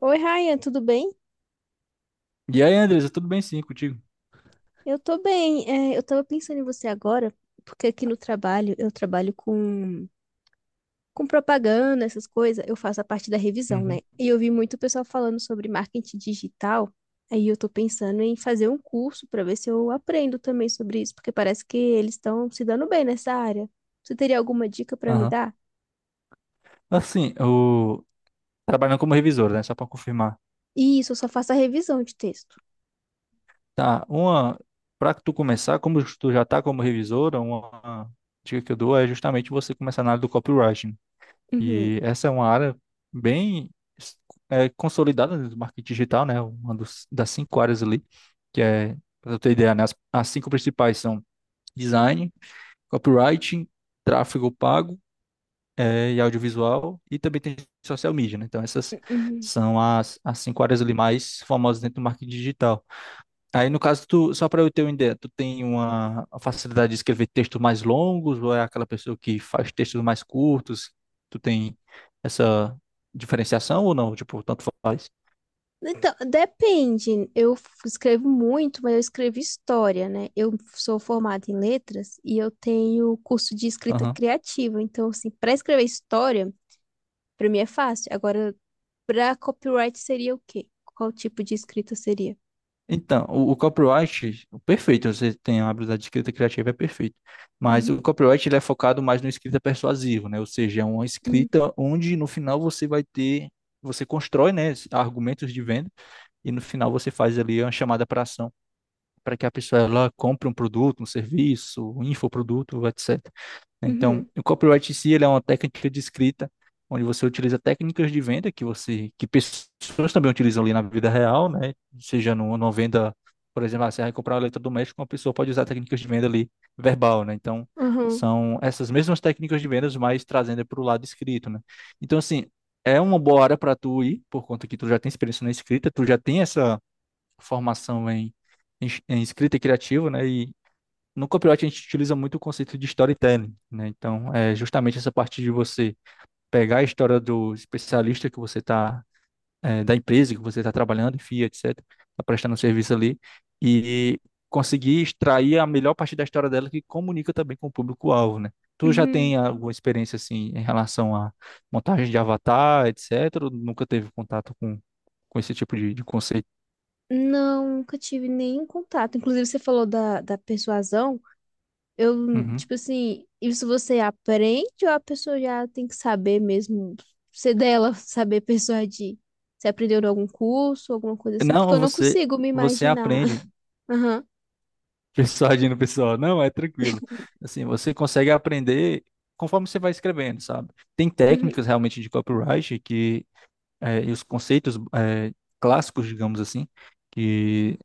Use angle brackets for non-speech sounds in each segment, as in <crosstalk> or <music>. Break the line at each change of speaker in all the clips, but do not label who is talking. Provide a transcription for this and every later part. Oi, Ryan, tudo bem?
E aí, Andresa, tudo bem sim contigo?
Eu tô bem. Eu tava pensando em você agora, porque aqui no trabalho eu trabalho com propaganda, essas coisas. Eu faço a parte da revisão, né?
Uhum.
E eu vi muito pessoal falando sobre marketing digital. Aí eu tô pensando em fazer um curso pra ver se eu aprendo também sobre isso, porque parece que eles estão se dando bem nessa área. Você teria alguma dica pra me
Aham.
dar?
Assim, trabalhando como revisora, né? Só para confirmar.
Isso, eu só faço a revisão de texto.
Tá, uma. Para tu começar, como tu já tá como revisora, uma dica que eu dou é justamente você começar na área do copywriting.
Uhum,
E essa é uma área bem consolidada do marketing digital, né? Das cinco áreas ali, que é, para tu ter ideia, né? As cinco principais são design, copywriting, tráfego pago e audiovisual, e também tem social media, né? Então, essas
uhum.
são as cinco áreas ali mais famosas dentro do marketing digital. Aí, no caso, tu, só para eu ter uma ideia, tu tem uma facilidade de escrever textos mais longos, ou é aquela pessoa que faz textos mais curtos? Tu tem essa diferenciação ou não? Tipo, tanto faz?
Então, depende. Escrevo muito, mas eu escrevo história, né? Eu sou formada em letras e eu tenho curso de escrita criativa. Então, assim, para escrever história, para mim é fácil. Agora, para copyright seria o quê? Qual tipo de escrita seria?
Então, o copyright, perfeito, você tem a habilidade de escrita criativa, é perfeito. Mas o
Uhum,
copyright ele é focado mais no escrita persuasivo, né? Ou seja, é uma
uhum,
escrita onde no final você vai ter, você constrói, né, argumentos de venda e no final você faz ali uma chamada para ação para que a pessoa ela compre um produto, um serviço, um infoproduto, etc, né? Então,
uhum,
o copyright em si, ele é uma técnica de escrita onde você utiliza técnicas de venda que você que pessoas também utilizam ali na vida real, né? Seja numa venda, por exemplo, ah, você vai comprar um eletrodoméstico, uma pessoa pode usar técnicas de venda ali verbal, né? Então,
uhum,
são essas mesmas técnicas de vendas, mas trazendo para o lado escrito, né? Então, assim, é uma boa área para tu ir, por conta que tu já tem experiência na escrita, tu já tem essa formação em escrita criativa, né? E no copywriting a gente utiliza muito o conceito de storytelling, né? Então, é justamente essa parte de você pegar a história do especialista que da empresa que você está trabalhando, enfim, etc., está prestando serviço ali, e conseguir extrair a melhor parte da história dela que comunica também com o público-alvo, né? Tu já
uhum.
tem alguma experiência, assim, em relação à montagem de avatar, etc., ou nunca teve contato com esse tipo de conceito?
Não, nunca tive nenhum contato. Inclusive, você falou da persuasão. Eu,
Uhum.
tipo assim, isso você aprende ou a pessoa já tem que saber mesmo, ser dela, <laughs> saber persuadir? Você aprendeu em algum curso, alguma coisa assim? Porque eu
Não,
não consigo me
você
imaginar.
aprende.
<laughs> Aham.
Pessoal agindo, pessoal, não, é tranquilo. Assim, você consegue aprender conforme você vai escrevendo, sabe? Tem
Uhum.
técnicas realmente de copyright e os conceitos clássicos, digamos assim, que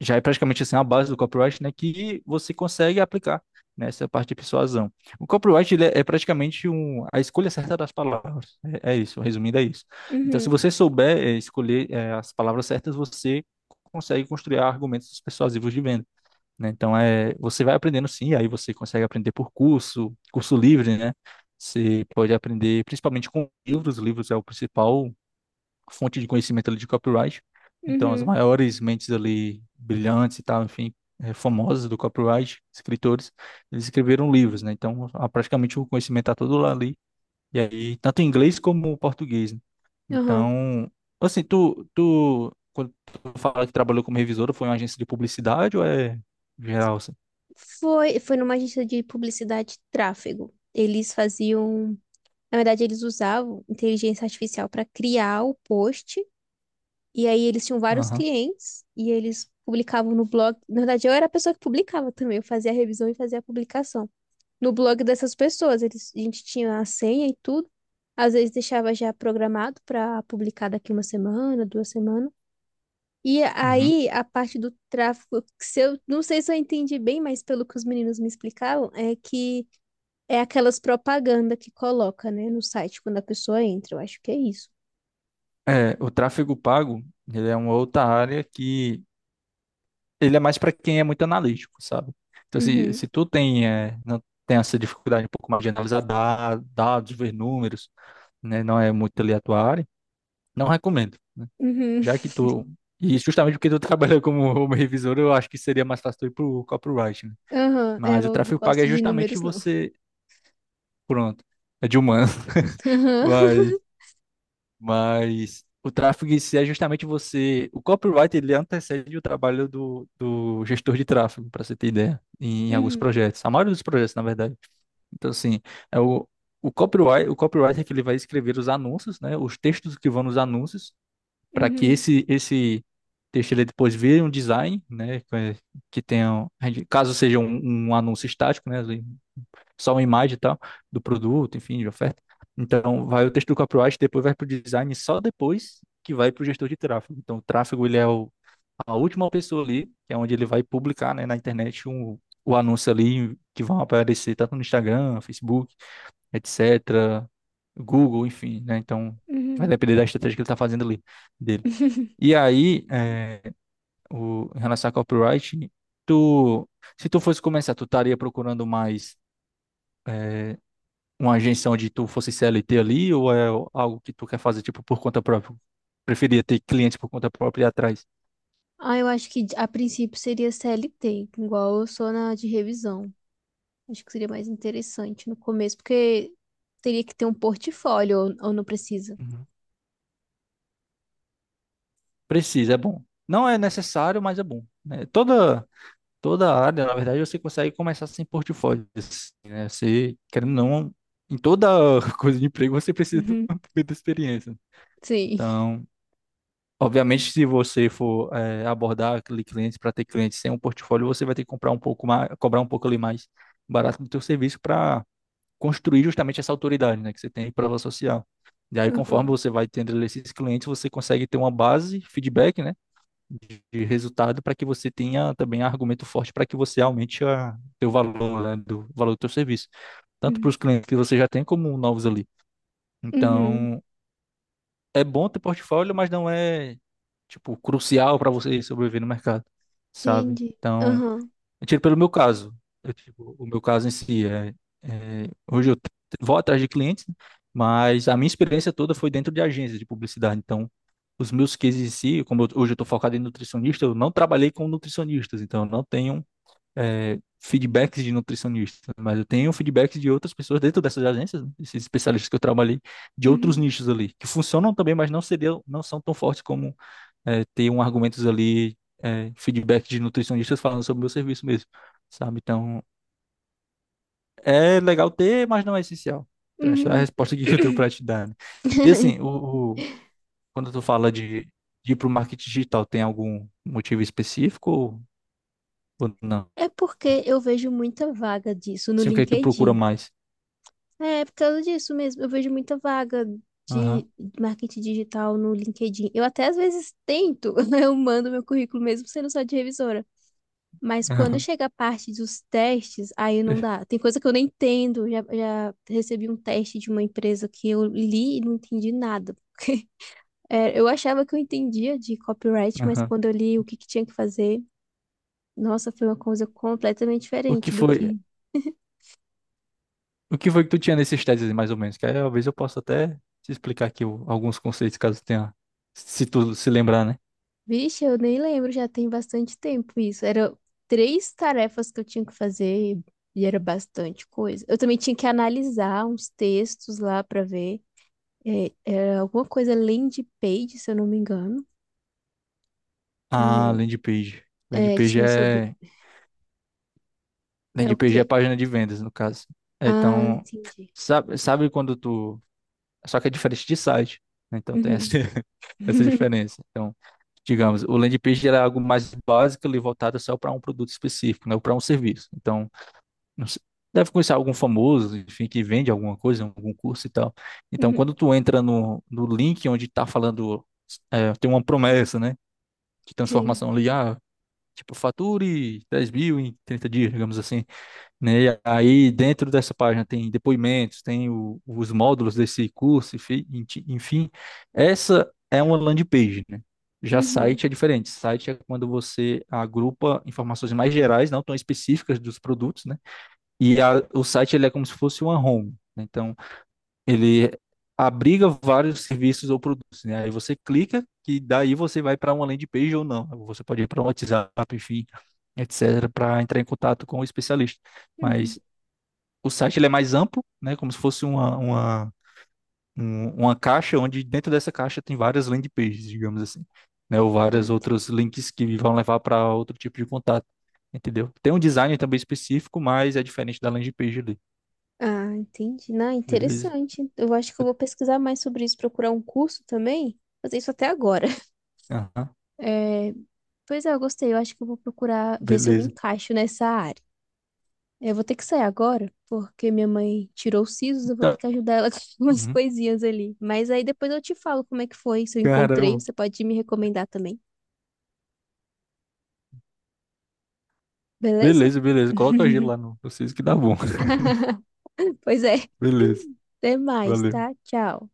já é praticamente assim a base do copyright, né? Que você consegue aplicar nessa parte de persuasão. O copyright ele é praticamente a escolha certa das palavras. É isso, resumindo, é isso. Então, se
Uhum.
você souber escolher as palavras certas, você consegue construir argumentos persuasivos de venda, né? Então é, você vai aprendendo sim, aí você consegue aprender por curso, curso livre, né? Você pode aprender principalmente com livros, livros é o principal fonte de conhecimento ali de copyright. Então as
Uhum.
maiores mentes ali brilhantes e tal, enfim, famosas do copyright, escritores, eles escreveram livros, né? Praticamente o conhecimento está todo lá ali. E aí tanto em inglês como em português, né?
Aham.
Então, assim, tu quando tu fala que trabalhou como revisora, foi em uma agência de publicidade ou é geral, assim?
Foi numa agência de publicidade e tráfego. Eles faziam, na verdade, eles usavam inteligência artificial para criar o post. E aí eles tinham vários
Aham,
clientes e eles publicavam no blog. Na verdade, eu era a pessoa que publicava também, eu fazia a revisão e fazia a publicação. No blog dessas pessoas, eles, a gente tinha a senha e tudo. Às vezes deixava já programado para publicar daqui uma semana, duas semanas. E
uhum.
aí a parte do tráfego, que se eu não sei se eu entendi bem, mas pelo que os meninos me explicaram, é que é aquelas propaganda que coloca, né, no site quando a pessoa entra. Eu acho que é isso.
É, o tráfego pago, ele é uma outra área que ele é mais para quem é muito analítico, sabe? Então,
Uhum.
se tu tem, é, não tem essa dificuldade um pouco mais de dados, ver números, né? Não é muito ali a tua área, não recomendo.
Uhum.
Já que tu, e justamente porque tu <laughs> trabalha como revisor, eu acho que seria mais fácil tu ir pro copywriting, né?
Aham, é, eu
Mas o
não
tráfego pago é
gosto de
justamente
números, não.
você, pronto, é de humano.
Aham.
<laughs> Mas o tráfego em si é justamente você. O copyright ele antecede o trabalho do gestor de tráfego, para você ter ideia, em alguns
Uhum.
projetos. A maioria dos projetos, na verdade. Então, assim, é o copyright, o copywriter que ele vai escrever os anúncios, né? Os textos que vão nos anúncios, para que
Uhum.
esse texto ele depois vire um design, né? Que tenha, Caso seja um anúncio estático, né? Só uma imagem e tal do produto, enfim, de oferta. Então, vai o texto do copyright, depois vai para o design, e só depois que vai para o gestor de tráfego. Então, o tráfego, ele é a última pessoa ali, que é onde ele vai publicar, né, na internet o anúncio ali que vão aparecer tanto no Instagram, Facebook, etc., Google, enfim, né? Então, vai
Uhum.
depender da estratégia que ele está fazendo ali, dele.
<laughs>
E aí, é, o, em relação a copyright, tu, se tu fosse começar, tu estaria procurando mais É, uma agência onde tu fosse CLT ali ou é algo que tu quer fazer tipo por conta própria? Preferia ter clientes por conta própria e ir atrás.
Ah, eu acho que a princípio seria CLT, igual eu sou na de revisão. Acho que seria mais interessante no começo, porque teria que ter um portfólio ou não precisa.
Uhum. Precisa, é bom. Não é necessário, mas é bom, né? Toda área, na verdade, você consegue começar sem portfólio, assim, né? Você querendo ou não em toda <laughs> coisa de emprego você precisa de
Uhum.
uma <laughs> primeira experiência.
Sim.
Então, obviamente, se você for abordar aquele cliente para ter cliente sem um portfólio, você vai ter que comprar um pouco mais, cobrar um pouco ali mais barato do teu serviço para construir justamente essa autoridade, né, que você tem em prova social. E aí, conforme
Aham.
você vai tendo esses clientes, você consegue ter uma base, feedback, né, de resultado para que você tenha também argumento forte para que você aumente a teu valor, né, do valor do teu serviço, tanto para
Uhum.
os clientes que você já tem como novos ali.
Uhum.
Então, é bom ter portfólio, mas não é tipo crucial para você sobreviver no mercado, sabe?
Entendi.
Então,
Aham.
eu tiro pelo meu caso. Eu, tipo, o meu caso em si hoje vou atrás de clientes, né? Mas a minha experiência toda foi dentro de agências de publicidade. Então, os meus cases em si, hoje eu estou focado em nutricionista, eu não trabalhei com nutricionistas, então eu não tenho é, feedbacks de nutricionistas, mas eu tenho feedbacks de outras pessoas dentro dessas agências, né? Esses especialistas que eu trabalhei, de outros
Uhum.
nichos ali, que funcionam também, mas não seriam, não são tão fortes como é, ter um argumentos ali, é, feedback de nutricionistas falando sobre o meu serviço mesmo, sabe? Então, é legal ter, mas não é essencial. Então, essa é a
Uhum.
resposta aqui que <laughs> eu tenho
<coughs>
para te dar, né? E assim,
<clears throat>
quando tu fala de ir para o marketing digital, tem algum motivo específico ou não?
É porque eu vejo muita vaga disso no
Sim, o que é que tu procura
LinkedIn.
mais?
É, por causa disso mesmo. Eu vejo muita vaga
Aham,
de marketing digital no LinkedIn. Eu até às vezes tento, <laughs> eu mando meu currículo mesmo sendo só de revisora. Mas quando
aham,
chega a parte dos testes, aí
<laughs>
não
per-
dá. Tem coisa que eu nem entendo. Já recebi um teste de uma empresa que eu li e não entendi nada. É, eu achava que eu entendia de copyright, mas
aham.
quando eu li o que que tinha que fazer, nossa, foi uma coisa completamente
O que
diferente do
foi,
que...
o que foi que tu tinha nesses testes, aí, mais ou menos? Que aí, talvez eu possa até te explicar alguns conceitos, caso tenha, se tu se lembrar, né?
Vixe, eu nem lembro, já tem bastante tempo isso. Era três tarefas que eu tinha que fazer e era bastante coisa. Eu também tinha que analisar uns textos lá para ver. É, era alguma coisa landing page, se eu não me engano.
Ah,
É,
landing page. Landing
é,
page
tinha sobre.
é,
É o
Landing page
quê?
é página de vendas, no caso. É,
Ah,
então,
entendi.
sabe quando tu. Só que é diferente de site, né? Então tem essa,
Uhum.
<laughs> essa
<laughs>
diferença. Então, digamos, o landing page era algo mais básico ali voltado só para um produto específico, né? Ou para um serviço. Então, não sei- deve conhecer algum famoso, enfim, que vende alguma coisa, algum curso e tal. Então,
Uhum.
quando tu entra no link onde está falando, é, tem uma promessa, né? De
Sim.
transformação ali, ah, tipo, fature 10 mil em 30 dias, digamos assim, né? E aí dentro dessa página tem depoimentos, tem os módulos desse curso, enfim. Essa é uma landing page, né? Já
Uhum.
site é diferente. Site é quando você agrupa informações mais gerais, não tão específicas dos produtos, né? O site ele é como se fosse uma home, né? Então, ele abriga vários serviços ou produtos, né? Aí você clica que daí você vai para uma landing page ou não. Você pode ir para um WhatsApp, enfim, etc., para entrar em contato com o especialista. Mas
Uhum.
o site ele é mais amplo, né? Como se fosse uma caixa onde dentro dessa caixa tem várias landing pages, digamos assim, né? Ou
Ah,
vários
entendi.
outros links que vão levar para outro tipo de contato, entendeu? Tem um design também específico, mas é diferente da landing page ali,
Ah, entendi. Não,
beleza?
interessante. Eu acho que eu
Eu-
vou pesquisar mais sobre isso, procurar um curso também. Fazer isso até agora. <laughs>
Aham,
É, pois é, eu gostei. Eu acho que eu vou procurar ver se eu me
beleza.
encaixo nessa área. Eu vou ter que sair agora, porque minha mãe tirou os sisos, eu vou ter
Então,
que ajudar ela <laughs> com umas
uhum.
coisinhas ali. Mas aí depois eu te falo como é que foi, se eu encontrei,
Caramba.
você pode me recomendar também, beleza?
Beleza, beleza. Coloca o gelo lá
<laughs>
no vocês que dá bom. <laughs>
Pois é.
Beleza.
Até mais,
Valeu.
tá? Tchau.